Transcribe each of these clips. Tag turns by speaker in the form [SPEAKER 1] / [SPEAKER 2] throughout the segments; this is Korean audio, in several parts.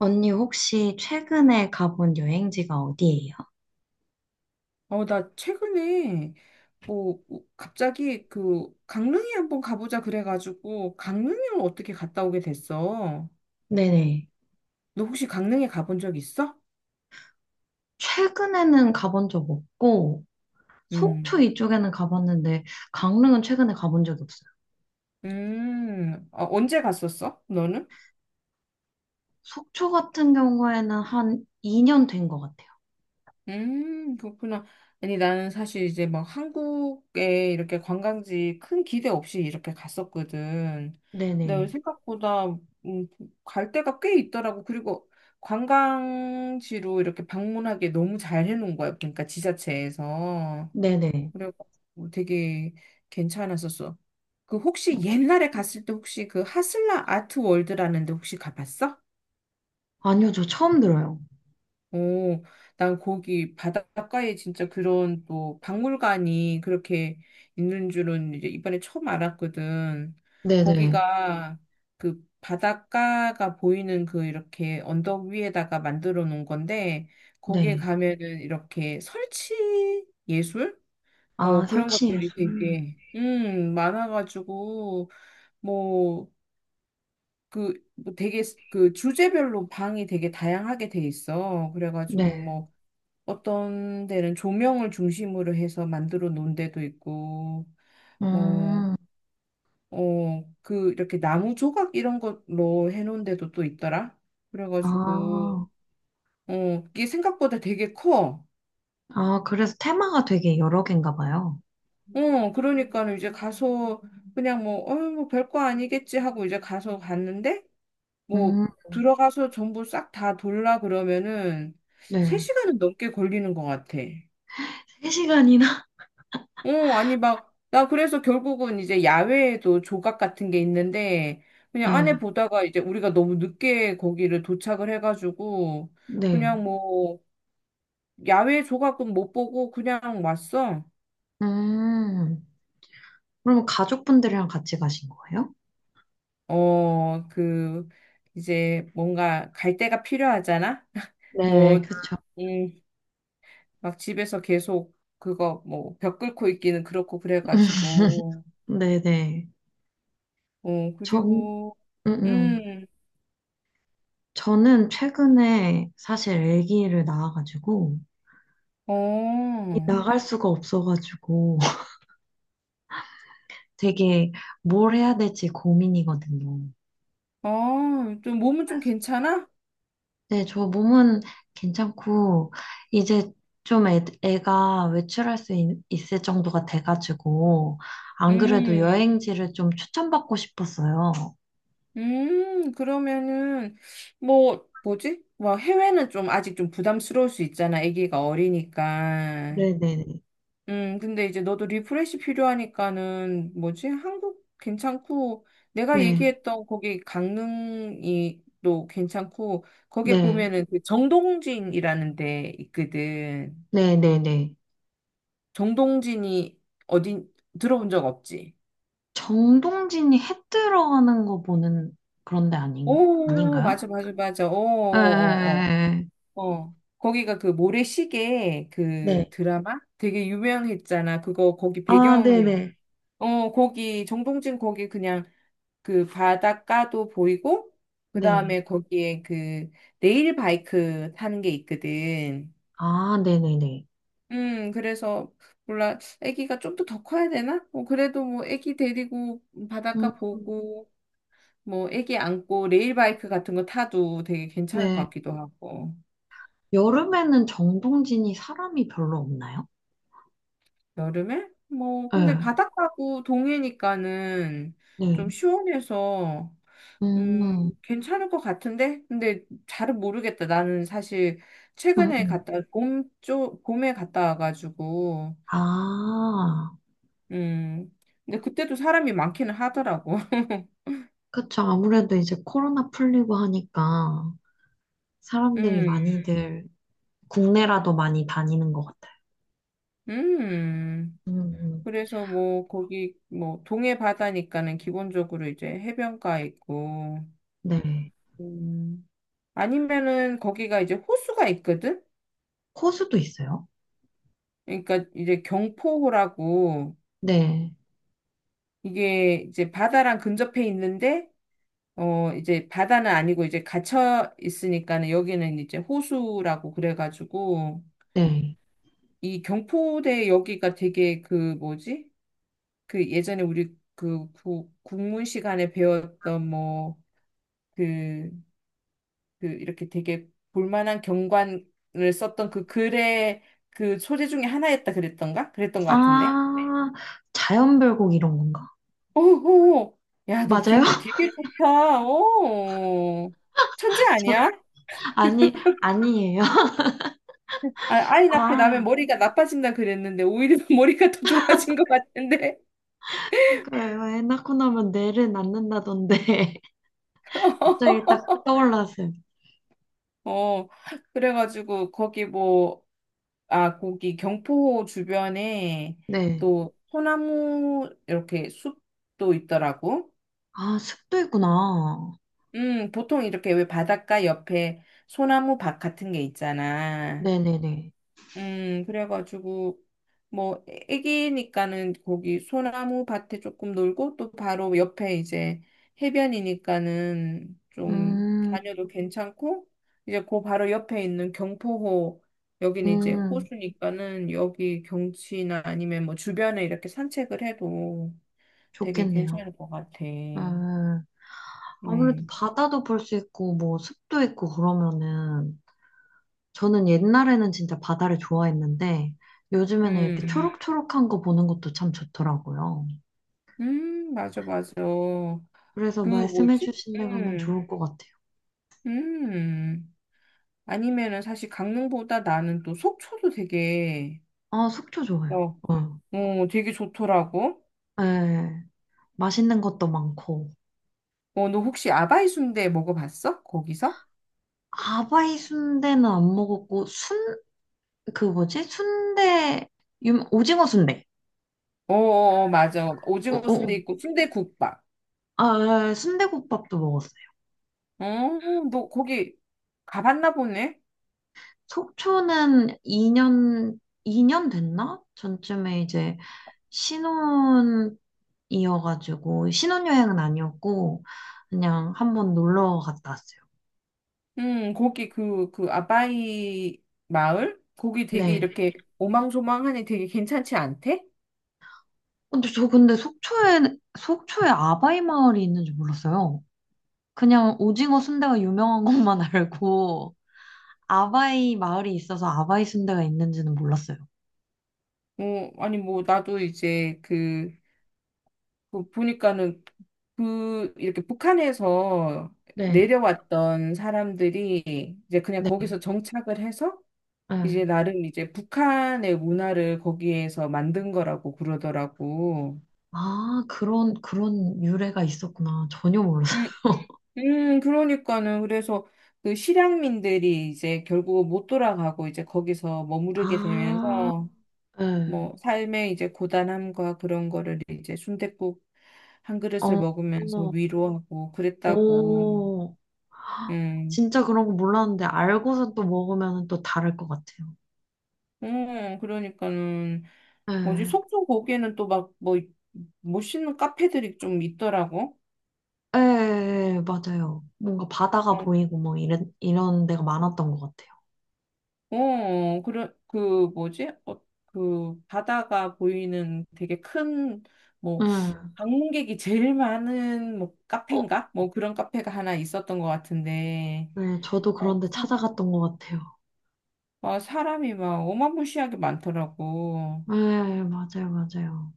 [SPEAKER 1] 언니 혹시 최근에 가본 여행지가 어디예요?
[SPEAKER 2] 나 최근에 뭐 갑자기 그 강릉에 한번 가보자 그래가지고 강릉을 어떻게 갔다 오게 됐어?
[SPEAKER 1] 네네.
[SPEAKER 2] 너 혹시 강릉에 가본 적 있어?
[SPEAKER 1] 최근에는 가본 적 없고, 속초
[SPEAKER 2] 음,
[SPEAKER 1] 이쪽에는 가봤는데, 강릉은 최근에 가본 적이 없어요.
[SPEAKER 2] 어, 언제 갔었어? 너는?
[SPEAKER 1] 속초 같은 경우에는 한 2년 된 것 같아요.
[SPEAKER 2] 그렇구나. 아니, 나는 사실 이제 막 한국에 이렇게 관광지 큰 기대 없이 이렇게 갔었거든. 근데
[SPEAKER 1] 네네.
[SPEAKER 2] 생각보다 음, 갈 데가 꽤 있더라고. 그리고 관광지로 이렇게 방문하게 너무 잘 해놓은 거야. 그러니까 지자체에서.
[SPEAKER 1] 네네.
[SPEAKER 2] 그래가지고 되게 괜찮았었어. 그 혹시 옛날에 갔을 때 혹시 그 하슬라 아트 월드라는 데 혹시 가봤어?
[SPEAKER 1] 아니요, 저 처음 들어요.
[SPEAKER 2] 오, 난 거기 바닷가에 진짜 그런 또 박물관이 그렇게 있는 줄은 이제 이번에 처음 알았거든.
[SPEAKER 1] 네네.
[SPEAKER 2] 거기가 그 바닷가가 보이는 그 이렇게 언덕 위에다가 만들어 놓은 건데, 거기에
[SPEAKER 1] 네.
[SPEAKER 2] 가면은 이렇게 설치 예술?
[SPEAKER 1] 아,
[SPEAKER 2] 그런 것들이
[SPEAKER 1] 설치해서.
[SPEAKER 2] 되게, 많아가지고, 뭐, 그, 뭐 그 주제별로 방이 되게 다양하게 돼 있어. 그래가지고
[SPEAKER 1] 네.
[SPEAKER 2] 어떤 데는 조명을 중심으로 해서 만들어 놓은 데도 있고, 뭐,
[SPEAKER 1] 음,
[SPEAKER 2] 이렇게 나무 조각 이런 걸로 해놓은 데도 또 있더라.
[SPEAKER 1] 아,
[SPEAKER 2] 그래가지고, 어, 이게 생각보다 되게 커.
[SPEAKER 1] 아, 그래서 테마가 되게 여러 개인가 봐요.
[SPEAKER 2] 그러니까는 이제 가서 그냥 뭐 별거 아니겠지 하고 이제 가서 갔는데, 뭐,
[SPEAKER 1] 음,
[SPEAKER 2] 들어가서 전부 싹 다 돌라 그러면은
[SPEAKER 1] 네.
[SPEAKER 2] 3시간은 넘게 걸리는 것 같아.
[SPEAKER 1] 3시간이나?
[SPEAKER 2] 어, 아니, 나 그래서 결국은 이제 야외에도 조각 같은 게 있는데, 그냥
[SPEAKER 1] 네.
[SPEAKER 2] 안에 보다가 이제 우리가 너무 늦게 거기를 도착을 해가지고,
[SPEAKER 1] 네.
[SPEAKER 2] 그냥 야외 조각은 못 보고 그냥 왔어.
[SPEAKER 1] 음, 그럼 가족분들이랑 같이 가신 거예요?
[SPEAKER 2] 어, 그, 이제 뭔가 갈 데가 필요하잖아? 뭐,
[SPEAKER 1] 네, 그쵸.
[SPEAKER 2] 음, 막 집에서 계속 그거 뭐, 벽 끓고 있기는 그렇고 그래가지고,
[SPEAKER 1] 네네. 전,
[SPEAKER 2] 그리고,
[SPEAKER 1] 음, 음.
[SPEAKER 2] 음,
[SPEAKER 1] 저는 최근에 사실 아기를 낳아가지고, 이
[SPEAKER 2] 어.
[SPEAKER 1] 나갈 수가 없어가지고, 되게 뭘 해야 될지 고민이거든요.
[SPEAKER 2] 어, 좀 몸은 좀 괜찮아?
[SPEAKER 1] 네, 저 몸은 괜찮고, 이제 좀 애가 외출할 수 있을 정도가 돼가지고, 안 그래도
[SPEAKER 2] 음,
[SPEAKER 1] 여행지를 좀 추천받고 싶었어요.
[SPEAKER 2] 그러면은, 뭐지? 뭐, 해외는 좀 아직 좀 부담스러울 수 있잖아. 아기가 어리니까.
[SPEAKER 1] 네네네.
[SPEAKER 2] 근데 이제 너도 리프레시 필요하니까는, 뭐지? 한국 괜찮고, 내가
[SPEAKER 1] 네,
[SPEAKER 2] 얘기했던 거기 강릉이 또 괜찮고, 거기
[SPEAKER 1] 네.
[SPEAKER 2] 보면은 그 정동진이라는 데 있거든.
[SPEAKER 1] 네네네.
[SPEAKER 2] 정동진이 어디 들어본 적 없지?
[SPEAKER 1] 정동진이 해 들어가는 거 보는 그런 데 아닌,
[SPEAKER 2] 오,
[SPEAKER 1] 아닌가요?
[SPEAKER 2] 맞아, 맞아, 맞아. 어,
[SPEAKER 1] 에, 에,
[SPEAKER 2] 어,
[SPEAKER 1] 에,
[SPEAKER 2] 어, 어. 어. 거기가 그 모래시계 그
[SPEAKER 1] 네.
[SPEAKER 2] 드라마 되게 유명했잖아. 그거 거기
[SPEAKER 1] 아,
[SPEAKER 2] 배경,
[SPEAKER 1] 네네.
[SPEAKER 2] 어, 거기 정동진 거기 그냥 그 바닷가도 보이고, 그
[SPEAKER 1] 네.
[SPEAKER 2] 다음에 거기에 그 레일 바이크 타는 게 있거든.
[SPEAKER 1] 아, 네네네.
[SPEAKER 2] 그래서 몰라. 아기가 좀 더 커야 되나? 뭐 그래도 뭐 애기 데리고
[SPEAKER 1] 음,
[SPEAKER 2] 바닷가 보고 뭐 애기 안고 레일바이크 같은 거 타도 되게 괜찮을 것
[SPEAKER 1] 네.
[SPEAKER 2] 같기도 하고
[SPEAKER 1] 여름에는 정동진이 사람이 별로 없나요?
[SPEAKER 2] 여름에 뭐 근데
[SPEAKER 1] 네.
[SPEAKER 2] 바닷가고 동해니까는 좀
[SPEAKER 1] 네.
[SPEAKER 2] 시원해서 음
[SPEAKER 1] 음,
[SPEAKER 2] 괜찮을 것 같은데 근데 잘은 모르겠다 나는 사실
[SPEAKER 1] 음,
[SPEAKER 2] 최근에
[SPEAKER 1] 음.
[SPEAKER 2] 갔다 봄쪽 봄에 갔다 와가지고
[SPEAKER 1] 아,
[SPEAKER 2] 음 근데 그때도 사람이 많기는 하더라고
[SPEAKER 1] 그쵸. 아무래도 이제 코로나 풀리고 하니까 사람들이
[SPEAKER 2] 음
[SPEAKER 1] 많이들 국내라도 많이 다니는 것 같아요.
[SPEAKER 2] 음.
[SPEAKER 1] 음, 음.
[SPEAKER 2] 그래서 뭐 거기 뭐 동해 바다니까는 기본적으로 이제 해변가 있고
[SPEAKER 1] 네.
[SPEAKER 2] 음, 아니면은 거기가 이제 호수가 있거든.
[SPEAKER 1] 호수도 있어요?
[SPEAKER 2] 그러니까 이제 경포호라고
[SPEAKER 1] 네,
[SPEAKER 2] 이게 이제 바다랑 근접해 있는데 어 이제 바다는 아니고 이제 갇혀 있으니까는 여기는 이제 호수라고 그래가지고
[SPEAKER 1] 네.
[SPEAKER 2] 이 경포대 여기가 되게 그 뭐지? 그 예전에 우리 그 국문 시간에 배웠던 뭐그 그 이렇게 되게 볼만한 경관을 썼던 그 글의 그 소재 중에 하나였다 그랬던가? 그랬던 것 같은데.
[SPEAKER 1] 아, 자연별곡 이런 건가?
[SPEAKER 2] 오호. 야, 너
[SPEAKER 1] 맞아요?
[SPEAKER 2] 기억력 되게 좋다. 오. 천재
[SPEAKER 1] 저,
[SPEAKER 2] 아니야?
[SPEAKER 1] 아니, 아니에요.
[SPEAKER 2] 아, 아이 낳고
[SPEAKER 1] 아,
[SPEAKER 2] 나면 머리가 나빠진다 그랬는데 오히려 머리가 더 좋아진 것 같은데.
[SPEAKER 1] 그러니까요. 애 낳고 나면 뇌를 낳는다던데. 갑자기 딱 떠올랐어요.
[SPEAKER 2] 어. 그래가지고 거기 뭐 아, 거기 경포 주변에
[SPEAKER 1] 네.
[SPEAKER 2] 또 소나무 이렇게 숲도 있더라고.
[SPEAKER 1] 아, 습도 있구나.
[SPEAKER 2] 보통 이렇게 왜 바닷가 옆에 소나무 밭 같은 게 있잖아.
[SPEAKER 1] 네네네.
[SPEAKER 2] 그래가지고 뭐 애기니까는 거기 소나무 밭에 조금 놀고 또 바로 옆에 이제 해변이니까는 좀
[SPEAKER 1] 음,
[SPEAKER 2] 다녀도 괜찮고 이제 그 바로 옆에 있는 경포호 여기는 이제
[SPEAKER 1] 음,
[SPEAKER 2] 호수니까는 여기 경치나 아니면 뭐 주변에 이렇게 산책을 해도 되게
[SPEAKER 1] 좋겠네요.
[SPEAKER 2] 괜찮을 것 같아.
[SPEAKER 1] 음, 아무래도
[SPEAKER 2] 음.
[SPEAKER 1] 바다도 볼 수 있고, 뭐, 습도 있고, 그러면은, 저는 옛날에는 진짜 바다를 좋아했는데 요즘에는 이렇게
[SPEAKER 2] 음.
[SPEAKER 1] 초록초록한 거 보는 것도 참 좋더라고요.
[SPEAKER 2] 맞아, 맞아.
[SPEAKER 1] 그래서
[SPEAKER 2] 그 뭐지?
[SPEAKER 1] 말씀해주신 데 가면
[SPEAKER 2] 음,
[SPEAKER 1] 좋을 것 같아요.
[SPEAKER 2] 음. 아니면은 사실 강릉보다 나는 또 속초도 되게,
[SPEAKER 1] 아, 속초 좋아요.
[SPEAKER 2] 어,
[SPEAKER 1] 어.
[SPEAKER 2] 되게 좋더라고.
[SPEAKER 1] 네, 맛있는 것도 많고.
[SPEAKER 2] 어, 너 혹시 아바이 순대 먹어봤어? 거기서?
[SPEAKER 1] 아바이 순대는 안 먹었고, 순, 그 뭐지? 순대, 유, 오징어 순대.
[SPEAKER 2] 어, 어, 어, 맞아.
[SPEAKER 1] 어,
[SPEAKER 2] 오징어
[SPEAKER 1] 어,
[SPEAKER 2] 순대
[SPEAKER 1] 어.
[SPEAKER 2] 있고 순대국밥.
[SPEAKER 1] 아, 예, 순대국밥도 먹었어요.
[SPEAKER 2] 어, 너 거기 가봤나 보네?
[SPEAKER 1] 속초는 2년, 2년 됐나? 전쯤에 이제 신혼 이어가지고 신혼여행은 아니었고 그냥 한번 놀러 갔다 왔어요.
[SPEAKER 2] 거기 그 아바이 마을? 거기 되게
[SPEAKER 1] 네.
[SPEAKER 2] 이렇게 오망소망하니 되게 괜찮지 않대?
[SPEAKER 1] 근데 속초에 속초에 아바이 마을이 있는 줄 몰랐어요. 그냥 오징어 순대가 유명한 것만 알고 아바이 마을이 있어서 아바이 순대가 있는지는 몰랐어요.
[SPEAKER 2] 어, 아니, 뭐, 나도 이제 그 보니까는 그 이렇게 북한에서
[SPEAKER 1] 네.
[SPEAKER 2] 내려왔던 사람들이 이제 그냥
[SPEAKER 1] 네.
[SPEAKER 2] 거기서 정착을 해서 이제
[SPEAKER 1] 네.
[SPEAKER 2] 나름 이제 북한의 문화를 거기에서 만든 거라고 그러더라고.
[SPEAKER 1] 아, 그런 유래가 있었구나. 전혀 몰랐어요.
[SPEAKER 2] 음, 그러니까는 그래서 그 실향민들이 이제 결국 못 돌아가고 이제 거기서 머무르게
[SPEAKER 1] 아,
[SPEAKER 2] 되면서
[SPEAKER 1] 네.
[SPEAKER 2] 뭐 삶의 이제 고단함과 그런 거를 이제 순댓국 한
[SPEAKER 1] 어,
[SPEAKER 2] 그릇을 먹으면서
[SPEAKER 1] 어,
[SPEAKER 2] 위로하고 그랬다고.
[SPEAKER 1] 어.
[SPEAKER 2] 음.
[SPEAKER 1] 진짜 그런 거 몰랐는데 알고서 또 먹으면 또 다를 것 같아요.
[SPEAKER 2] 어, 그러니까는 뭐지
[SPEAKER 1] 예,
[SPEAKER 2] 속초 거기에는 또 막 뭐 멋있는 카페들이 좀 있더라고.
[SPEAKER 1] 예, 맞아요. 뭔가 바다가
[SPEAKER 2] 어,
[SPEAKER 1] 보이고 뭐 이런 데가 많았던 것 같아요.
[SPEAKER 2] 그런 그 뭐지? 어, 그 바다가 보이는 되게 큰 뭐
[SPEAKER 1] 예,
[SPEAKER 2] 방문객이 제일 많은 뭐
[SPEAKER 1] 어,
[SPEAKER 2] 카페인가? 뭐 그런 카페가 하나 있었던 것 같은데.
[SPEAKER 1] 네, 저도
[SPEAKER 2] 어,
[SPEAKER 1] 그런데
[SPEAKER 2] 사,
[SPEAKER 1] 찾아갔던 것 같아요.
[SPEAKER 2] 어, 사람이 막 어마무시하게 많더라고.
[SPEAKER 1] 예, 맞아요, 맞아요.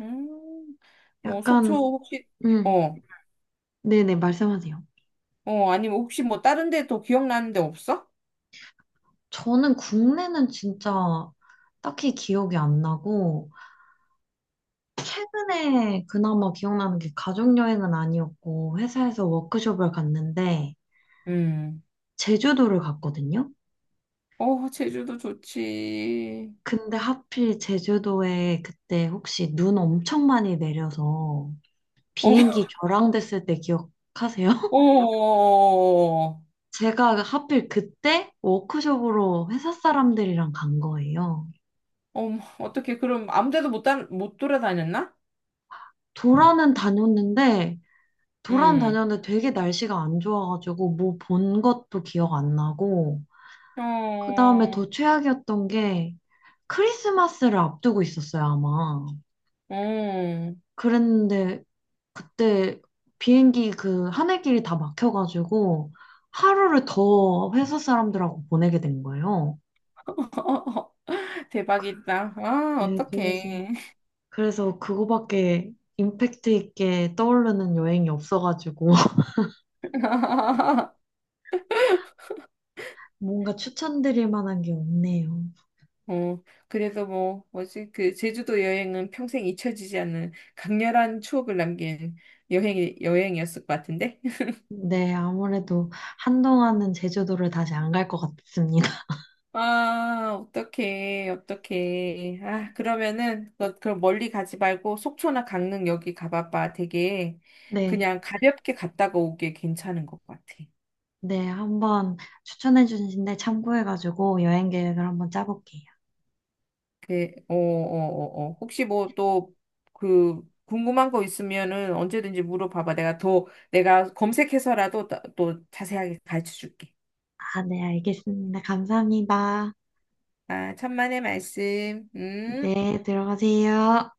[SPEAKER 2] 음, 뭐 속초
[SPEAKER 1] 약간,
[SPEAKER 2] 혹시
[SPEAKER 1] 음,
[SPEAKER 2] 어,
[SPEAKER 1] 네네, 말씀하세요.
[SPEAKER 2] 아니면 혹시 뭐 다른 데또 기억나는 데 없어?
[SPEAKER 1] 저는 국내는 진짜 딱히 기억이 안 나고, 최근에 그나마 기억나는 게 가족여행은 아니었고, 회사에서 워크숍을 갔는데,
[SPEAKER 2] 음.
[SPEAKER 1] 제주도를 갔거든요.
[SPEAKER 2] 어, 제주도 좋지.
[SPEAKER 1] 근데 하필 제주도에 그때 혹시 눈 엄청 많이 내려서
[SPEAKER 2] 어,
[SPEAKER 1] 비행기 결항됐을 때 기억하세요?
[SPEAKER 2] 어,
[SPEAKER 1] 제가 하필 그때 워크숍으로 회사 사람들이랑 간 거예요.
[SPEAKER 2] 어떻게, 그럼 아무 데도 못, 다, 못 돌아다녔나?
[SPEAKER 1] 도라는 다녔는데, 도라는
[SPEAKER 2] 음.
[SPEAKER 1] 다녔는데 되게 날씨가 안 좋아가지고 뭐 본 것도 기억 안 나고, 그 다음에
[SPEAKER 2] 어,
[SPEAKER 1] 더 최악이었던 게 크리스마스를 앞두고 있었어요, 아마.
[SPEAKER 2] 어.
[SPEAKER 1] 그랬는데 그때 비행기 그 하늘길이 다 막혀가지고 하루를 더 회사 사람들하고 보내게 된 거예요. 그-
[SPEAKER 2] 대박이다. 아,
[SPEAKER 1] 네,
[SPEAKER 2] 어떡해.
[SPEAKER 1] 그래서 그거밖에 임팩트 있게 떠오르는 여행이 없어가지고 뭔가 추천드릴 만한 게 없네요.
[SPEAKER 2] 어, 그래도 뭐, 뭐지, 그, 제주도 여행은 평생 잊혀지지 않는 강렬한 추억을 남긴 여행이었을 것 같은데?
[SPEAKER 1] 네, 아무래도 한동안은 제주도를 다시 안 갈 것 같습니다.
[SPEAKER 2] 아, 어떡해, 어떡해. 아, 그러면은, 너 그럼 멀리 가지 말고 속초나 강릉 여기 가봐봐. 되게
[SPEAKER 1] 네,
[SPEAKER 2] 그냥 가볍게 갔다가 오기에 괜찮은 것 같아.
[SPEAKER 1] 네, 한번 추천해 주신데 참고해가지고 여행 계획을 한번 짜볼게요.
[SPEAKER 2] 그, 어. 혹시 뭐 또 그 궁금한 거 있으면은 언제든지 물어봐봐. 내가 검색해서라도 또, 또 자세하게 가르쳐 줄게.
[SPEAKER 1] 아, 네, 알겠습니다. 감사합니다.
[SPEAKER 2] 아, 천만의 말씀. 음.
[SPEAKER 1] 네, 들어가세요.